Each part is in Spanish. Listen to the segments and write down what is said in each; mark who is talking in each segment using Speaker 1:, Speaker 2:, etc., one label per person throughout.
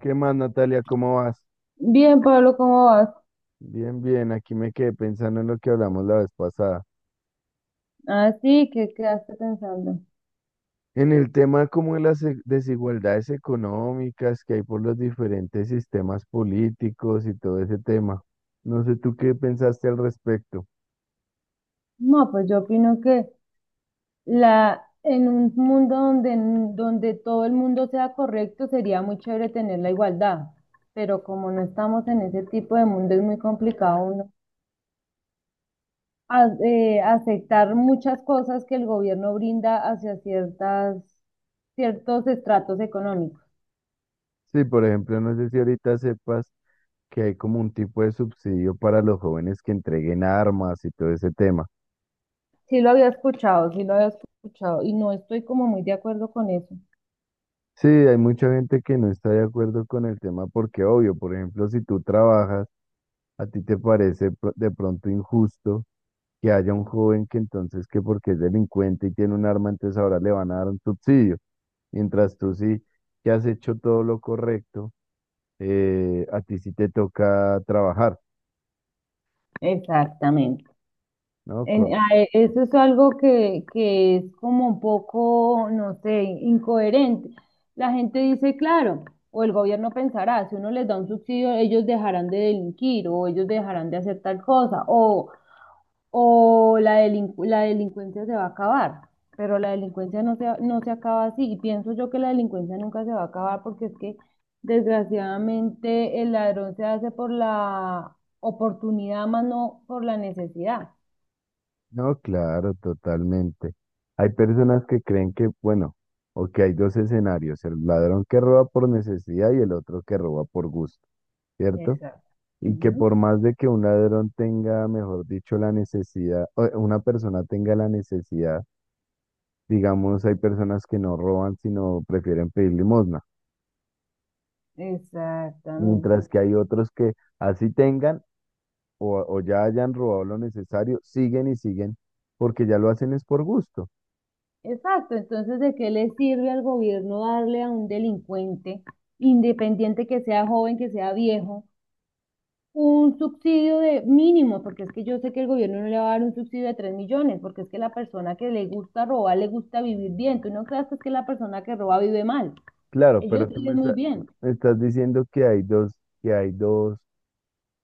Speaker 1: ¿Qué más, Natalia? ¿Cómo vas?
Speaker 2: Bien, Pablo, ¿cómo vas?
Speaker 1: Bien, bien, aquí me quedé pensando en lo que hablamos la vez pasada.
Speaker 2: Así que quedaste pensando.
Speaker 1: En el tema como de las desigualdades económicas que hay por los diferentes sistemas políticos y todo ese tema. No sé tú qué pensaste al respecto.
Speaker 2: No, pues yo opino que en un mundo donde todo el mundo sea correcto sería muy chévere tener la igualdad, pero como no estamos en ese tipo de mundo es muy complicado uno aceptar muchas cosas que el gobierno brinda hacia ciertos estratos económicos.
Speaker 1: Sí, por ejemplo, no sé si ahorita sepas que hay como un tipo de subsidio para los jóvenes que entreguen armas y todo ese tema.
Speaker 2: Sí lo había escuchado, sí lo había escuchado y no estoy como muy de acuerdo con eso.
Speaker 1: Sí, hay mucha gente que no está de acuerdo con el tema porque, obvio, por ejemplo, si tú trabajas, a ti te parece de pronto injusto que haya un joven que entonces que porque es delincuente y tiene un arma, entonces ahora le van a dar un subsidio. Mientras tú sí que has hecho todo lo correcto, a ti sí te toca trabajar,
Speaker 2: Exactamente.
Speaker 1: ¿no?
Speaker 2: Eso es algo que es como un poco, no sé, incoherente. La gente dice, claro, o el gobierno pensará, si uno les da un subsidio, ellos dejarán de delinquir o ellos dejarán de hacer tal cosa o la delincuencia se va a acabar. Pero la delincuencia no se acaba así y pienso yo que la delincuencia nunca se va a acabar porque es que desgraciadamente el ladrón se hace por la oportunidad más no por la necesidad.
Speaker 1: No, claro, totalmente. Hay personas que creen que, bueno, o que hay dos escenarios, el ladrón que roba por necesidad y el otro que roba por gusto, ¿cierto?
Speaker 2: Exacto.
Speaker 1: Y que
Speaker 2: Ujú.
Speaker 1: por más de que un ladrón tenga, mejor dicho, la necesidad, o una persona tenga la necesidad. Digamos, hay personas que no roban, sino prefieren pedir limosna,
Speaker 2: Exactamente.
Speaker 1: mientras que hay otros que así tengan o ya hayan robado lo necesario, siguen y siguen porque ya lo hacen es por gusto.
Speaker 2: Exacto. Entonces, ¿de qué le sirve al gobierno darle a un delincuente, independiente que sea joven, que sea viejo, un subsidio de mínimo? Porque es que yo sé que el gobierno no le va a dar un subsidio de 3 millones, porque es que la persona que le gusta robar le gusta vivir bien. Tú no creas que es que la persona que roba vive mal.
Speaker 1: Claro,
Speaker 2: Ellos
Speaker 1: pero tú me,
Speaker 2: viven muy bien.
Speaker 1: me estás diciendo que que hay dos,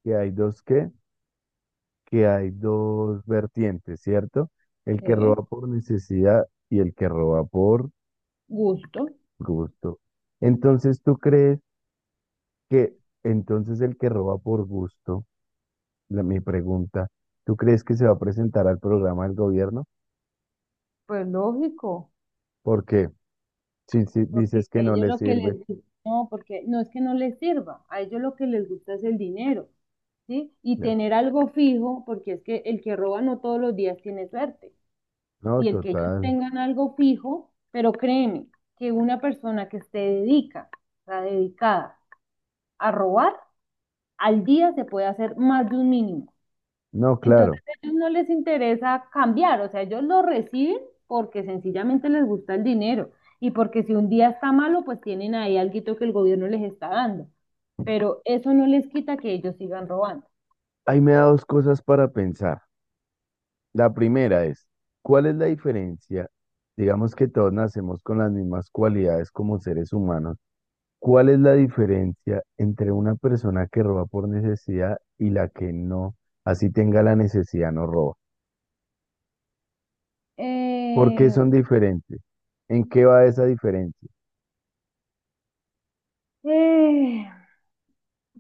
Speaker 1: que hay dos qué, que hay dos vertientes, ¿cierto? El que
Speaker 2: Sí.
Speaker 1: roba por necesidad y el que roba por
Speaker 2: Gusto.
Speaker 1: gusto. Entonces, ¿tú crees que entonces el que roba por gusto, mi pregunta, tú crees que se va a presentar al programa del gobierno?
Speaker 2: Pues lógico.
Speaker 1: Porque si
Speaker 2: Porque
Speaker 1: dices
Speaker 2: a
Speaker 1: que no
Speaker 2: ellos
Speaker 1: le
Speaker 2: lo que
Speaker 1: sirve,
Speaker 2: les gusta, no, porque no es que no les sirva, a ellos lo que les gusta es el dinero, ¿sí? Y
Speaker 1: claro,
Speaker 2: tener algo fijo, porque es que el que roba no todos los días tiene suerte.
Speaker 1: no,
Speaker 2: Y el que ellos
Speaker 1: total,
Speaker 2: tengan algo fijo, pero créeme, que una persona que se dedica, está dedicada a robar, al día se puede hacer más de un mínimo.
Speaker 1: no,
Speaker 2: Entonces
Speaker 1: claro.
Speaker 2: a ellos no les interesa cambiar, o sea, ellos lo reciben porque sencillamente les gusta el dinero y porque si un día está malo, pues tienen ahí alguito que el gobierno les está dando. Pero eso no les quita que ellos sigan robando.
Speaker 1: Ahí me da dos cosas para pensar. La primera es, ¿cuál es la diferencia? Digamos que todos nacemos con las mismas cualidades como seres humanos. ¿Cuál es la diferencia entre una persona que roba por necesidad y la que no, así tenga la necesidad, no roba? ¿Por qué son
Speaker 2: Eh,
Speaker 1: diferentes? ¿En qué va esa diferencia?
Speaker 2: eh,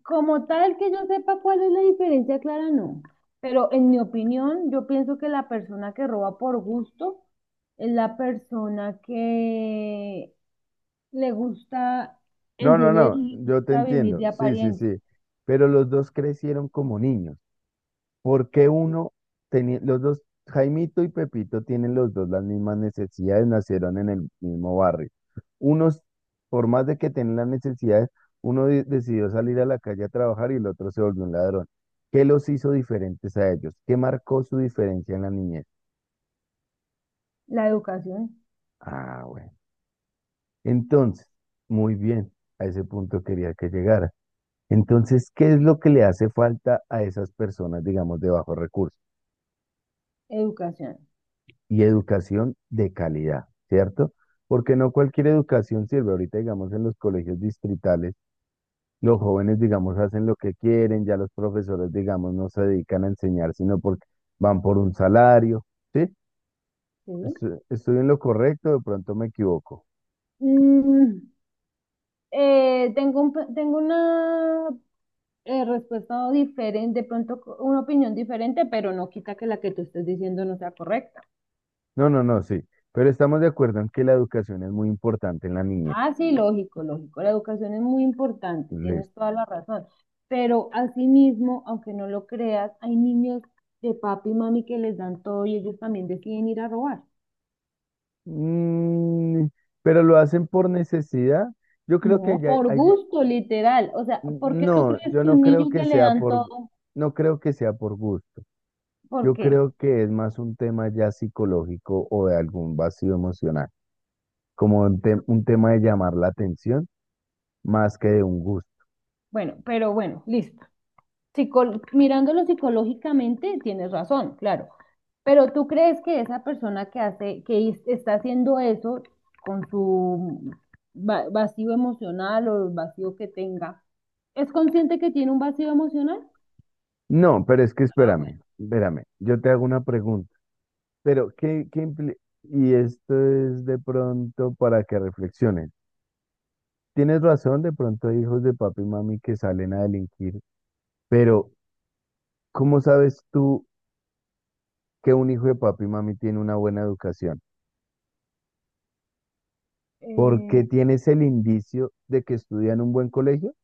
Speaker 2: Como tal que yo sepa cuál es la diferencia, Clara, no. Pero en mi opinión, yo pienso que la persona que roba por gusto es la persona que le gusta
Speaker 1: No,
Speaker 2: el
Speaker 1: no,
Speaker 2: dinero.
Speaker 1: no,
Speaker 2: Mm. Le
Speaker 1: yo te
Speaker 2: gusta vivir
Speaker 1: entiendo,
Speaker 2: de
Speaker 1: sí, sí,
Speaker 2: apariencia.
Speaker 1: sí, pero los dos crecieron como niños. ¿Por qué los dos, Jaimito y Pepito tienen los dos las mismas necesidades, nacieron en el mismo barrio? Unos, por más de que tienen las necesidades, decidió salir a la calle a trabajar y el otro se volvió un ladrón. ¿Qué los hizo diferentes a ellos? ¿Qué marcó su diferencia en la niñez?
Speaker 2: La educación.
Speaker 1: Ah, bueno. Entonces, muy bien, a ese punto quería que llegara. Entonces, ¿qué es lo que le hace falta a esas personas, digamos, de bajos recursos?
Speaker 2: Educación.
Speaker 1: Y educación de calidad, ¿cierto? Porque no cualquier educación sirve. Ahorita, digamos, en los colegios distritales, los jóvenes, digamos, hacen lo que quieren, ya los profesores, digamos, no se dedican a enseñar, sino porque van por un salario, ¿sí?
Speaker 2: ¿Sí?
Speaker 1: Estoy en lo correcto, de pronto me equivoco.
Speaker 2: Mm, tengo una respuesta diferente, de pronto una opinión diferente, pero no quita que la que tú estés diciendo no sea correcta.
Speaker 1: No, no, no, sí. Pero estamos de acuerdo en que la educación es muy importante en la niñez.
Speaker 2: Ah, sí, lógico, lógico, la educación es muy importante, tienes toda la razón, pero asimismo, aunque no lo creas, hay niños de papi y mami que les dan todo y ellos también deciden ir a robar.
Speaker 1: Mm. Pero lo hacen por necesidad. Yo creo que
Speaker 2: No,
Speaker 1: ya,
Speaker 2: por gusto, literal. O sea, ¿por qué tú
Speaker 1: no,
Speaker 2: crees
Speaker 1: yo
Speaker 2: que
Speaker 1: no
Speaker 2: un
Speaker 1: creo
Speaker 2: niño
Speaker 1: que
Speaker 2: que le
Speaker 1: sea
Speaker 2: dan
Speaker 1: por,
Speaker 2: todo?
Speaker 1: no creo que sea por gusto.
Speaker 2: ¿Por
Speaker 1: Yo
Speaker 2: qué?
Speaker 1: creo que es más un tema ya psicológico o de algún vacío emocional, como un, un tema de llamar la atención más que de un gusto.
Speaker 2: Bueno, pero bueno, listo. Mirándolo psicológicamente, tienes razón, claro. Pero ¿tú crees que esa persona que hace, que es- está haciendo eso con su vacío emocional o el vacío que tenga, es consciente que tiene un vacío emocional?
Speaker 1: No, pero es que
Speaker 2: Ah, bueno.
Speaker 1: espérame, espérame. Yo te hago una pregunta, pero y esto es de pronto para que reflexiones. Tienes razón, de pronto hay hijos de papi y mami que salen a delinquir. Pero, ¿cómo sabes tú que un hijo de papi y mami tiene una buena educación? Porque
Speaker 2: Eh,
Speaker 1: tienes el indicio de que estudia en un buen colegio,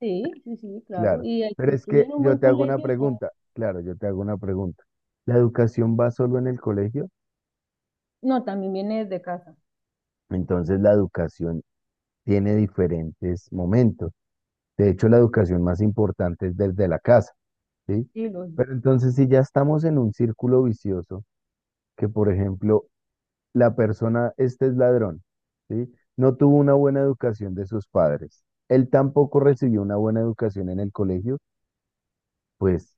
Speaker 2: sí, sí, sí, claro.
Speaker 1: claro.
Speaker 2: Y el que
Speaker 1: Pero es
Speaker 2: estudia
Speaker 1: que
Speaker 2: en un
Speaker 1: yo
Speaker 2: buen
Speaker 1: te hago una
Speaker 2: colegio ya.
Speaker 1: pregunta, claro, yo te hago una pregunta. ¿La educación va solo en el colegio?
Speaker 2: No, también viene desde casa.
Speaker 1: Entonces la educación tiene diferentes momentos. De hecho, la educación más importante es desde la casa, ¿sí?
Speaker 2: Sí,
Speaker 1: Pero entonces si ya estamos en un círculo vicioso, que por ejemplo la persona, este es ladrón, ¿sí? No tuvo una buena educación de sus padres. Él tampoco recibió una buena educación en el colegio, pues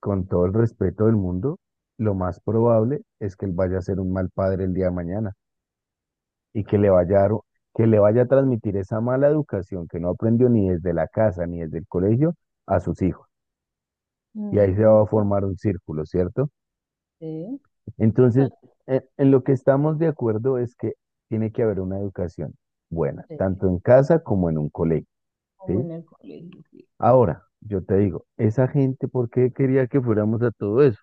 Speaker 1: con todo el respeto del mundo, lo más probable es que él vaya a ser un mal padre el día de mañana y que le vaya a, que le vaya a transmitir esa mala educación que no aprendió ni desde la casa ni desde el colegio a sus hijos. Y ahí se
Speaker 2: mm,
Speaker 1: va a formar un círculo, ¿cierto?
Speaker 2: sí,
Speaker 1: Entonces, en lo que estamos de acuerdo es que tiene que haber una educación buena,
Speaker 2: sí,
Speaker 1: tanto en casa como en un colegio,
Speaker 2: como
Speaker 1: ¿sí?
Speaker 2: en el colegio, sí.
Speaker 1: Ahora, yo te digo, esa gente, ¿por qué quería que fuéramos a todo eso?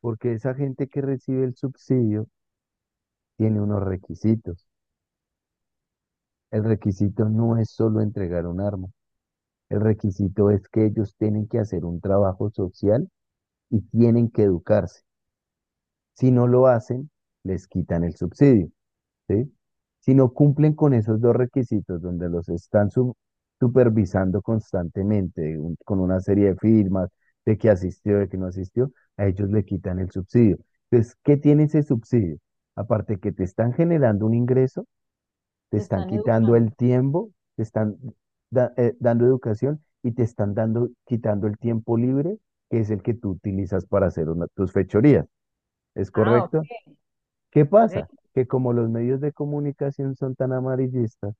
Speaker 1: Porque esa gente que recibe el subsidio tiene unos requisitos. El requisito no es solo entregar un arma, el requisito es que ellos tienen que hacer un trabajo social y tienen que educarse. Si no lo hacen, les quitan el subsidio. ¿Sí? Si no cumplen con esos dos requisitos, donde los están supervisando constantemente con una serie de firmas, de que asistió, de que no asistió, a ellos le quitan el subsidio. Entonces, ¿qué tiene ese subsidio? Aparte que te están generando un ingreso, te
Speaker 2: Te
Speaker 1: están
Speaker 2: están
Speaker 1: quitando el
Speaker 2: educando.
Speaker 1: tiempo, te están dando educación y te están dando, quitando el tiempo libre, que es el que tú utilizas para hacer tus fechorías. ¿Es
Speaker 2: Ah,
Speaker 1: correcto?
Speaker 2: ok,
Speaker 1: ¿Qué pasa?
Speaker 2: ok.
Speaker 1: Que como los medios de comunicación son tan amarillistas,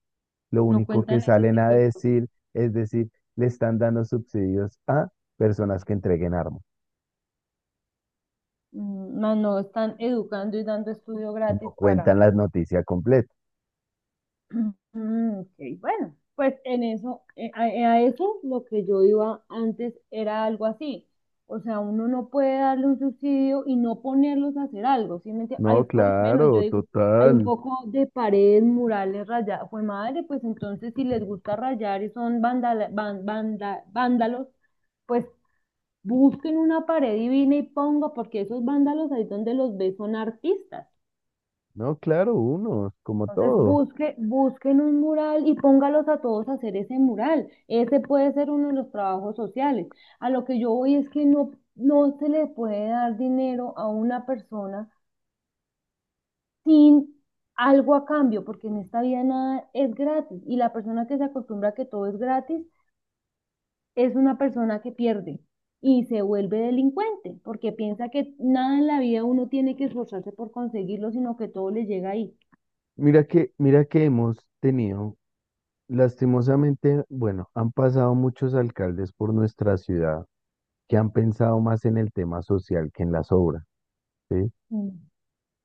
Speaker 1: lo
Speaker 2: No
Speaker 1: único que
Speaker 2: cuentan ese
Speaker 1: salen a
Speaker 2: tipo de cosas.
Speaker 1: decir es decir, le están dando subsidios a personas que entreguen armas.
Speaker 2: Mm, no, no, están educando y dando estudio
Speaker 1: No
Speaker 2: gratis para.
Speaker 1: cuentan la noticia completa.
Speaker 2: Mm, ok, bueno, pues en eso, a eso lo que yo iba antes era algo así. O sea, uno no puede darle un subsidio y no ponerlos a hacer algo. ¿Sí me entiendes? Hay
Speaker 1: No,
Speaker 2: por lo menos, yo
Speaker 1: claro,
Speaker 2: digo, hay un
Speaker 1: total.
Speaker 2: poco de paredes, murales, rayadas. Fue madre, pues entonces si les gusta rayar y son vándalos, pues busquen una pared divina y ponga, porque esos vándalos ahí donde los ves son artistas.
Speaker 1: No, claro, unos, como
Speaker 2: Entonces
Speaker 1: todo.
Speaker 2: busquen un mural y póngalos a todos a hacer ese mural. Ese puede ser uno de los trabajos sociales. A lo que yo voy es que no se le puede dar dinero a una persona sin algo a cambio, porque en esta vida nada es gratis. Y la persona que se acostumbra a que todo es gratis es una persona que pierde y se vuelve delincuente, porque piensa que nada en la vida uno tiene que esforzarse por conseguirlo, sino que todo le llega ahí.
Speaker 1: Mira que hemos tenido, lastimosamente, bueno, han pasado muchos alcaldes por nuestra ciudad que han pensado más en el tema social que en las obras, ¿sí?
Speaker 2: Mm.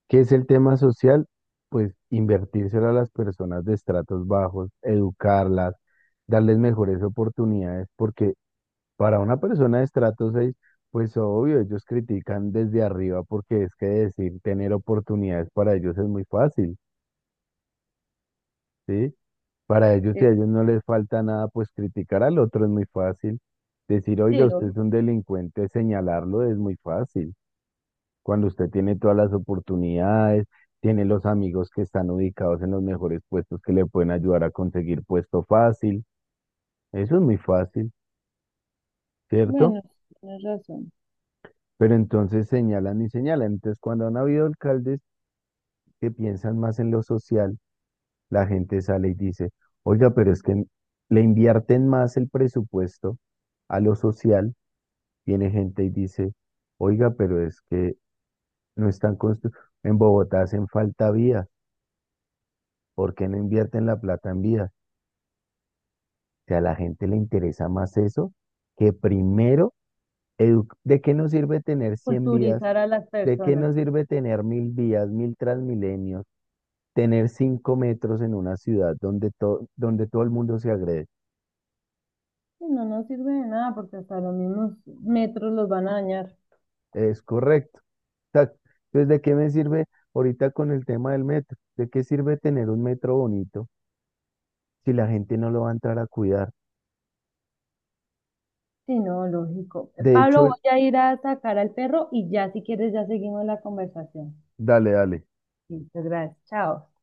Speaker 1: ¿Qué es el tema social? Pues invertírselo a las personas de estratos bajos, educarlas, darles mejores oportunidades, porque para una persona de estrato 6, pues obvio, ellos critican desde arriba porque es que decir tener oportunidades para ellos es muy fácil, ¿sí? Para ellos, si
Speaker 2: Eh,
Speaker 1: a ellos no les falta nada, pues criticar al otro es muy fácil. Decir,
Speaker 2: Sí,
Speaker 1: oiga, usted
Speaker 2: vi.
Speaker 1: es un delincuente, señalarlo es muy fácil. Cuando usted tiene todas las oportunidades, tiene los amigos que están ubicados en los mejores puestos que le pueden ayudar a conseguir puesto fácil. Eso es muy fácil, ¿cierto?
Speaker 2: Bueno, sí, tienes razón.
Speaker 1: Pero entonces señalan y señalan. Entonces, cuando han habido alcaldes que piensan más en lo social, la gente sale y dice, oiga, pero es que le invierten más el presupuesto a lo social. Viene gente y dice, oiga, pero es que no están construyendo. En Bogotá hacen falta vías. ¿Por qué no invierten la plata en vías? Sea, a la gente le interesa más eso que primero, ¿de qué nos sirve tener 100 vías?
Speaker 2: Culturizar a las
Speaker 1: ¿De qué
Speaker 2: personas.
Speaker 1: nos sirve tener 1.000 vías, 1.000 transmilenios, tener cinco metros en una ciudad donde, donde todo el mundo se agrede?
Speaker 2: Sí, no nos sirve de nada porque hasta los mismos metros los van a dañar.
Speaker 1: Es correcto. Tac. Entonces, ¿de qué me sirve ahorita con el tema del metro? ¿De qué sirve tener un metro bonito si la gente no lo va a entrar a cuidar?
Speaker 2: Sí, no, lógico.
Speaker 1: De
Speaker 2: Pablo,
Speaker 1: hecho,
Speaker 2: voy a ir a sacar al perro y ya si quieres ya seguimos la conversación.
Speaker 1: dale, dale.
Speaker 2: Listo, gracias. Chao.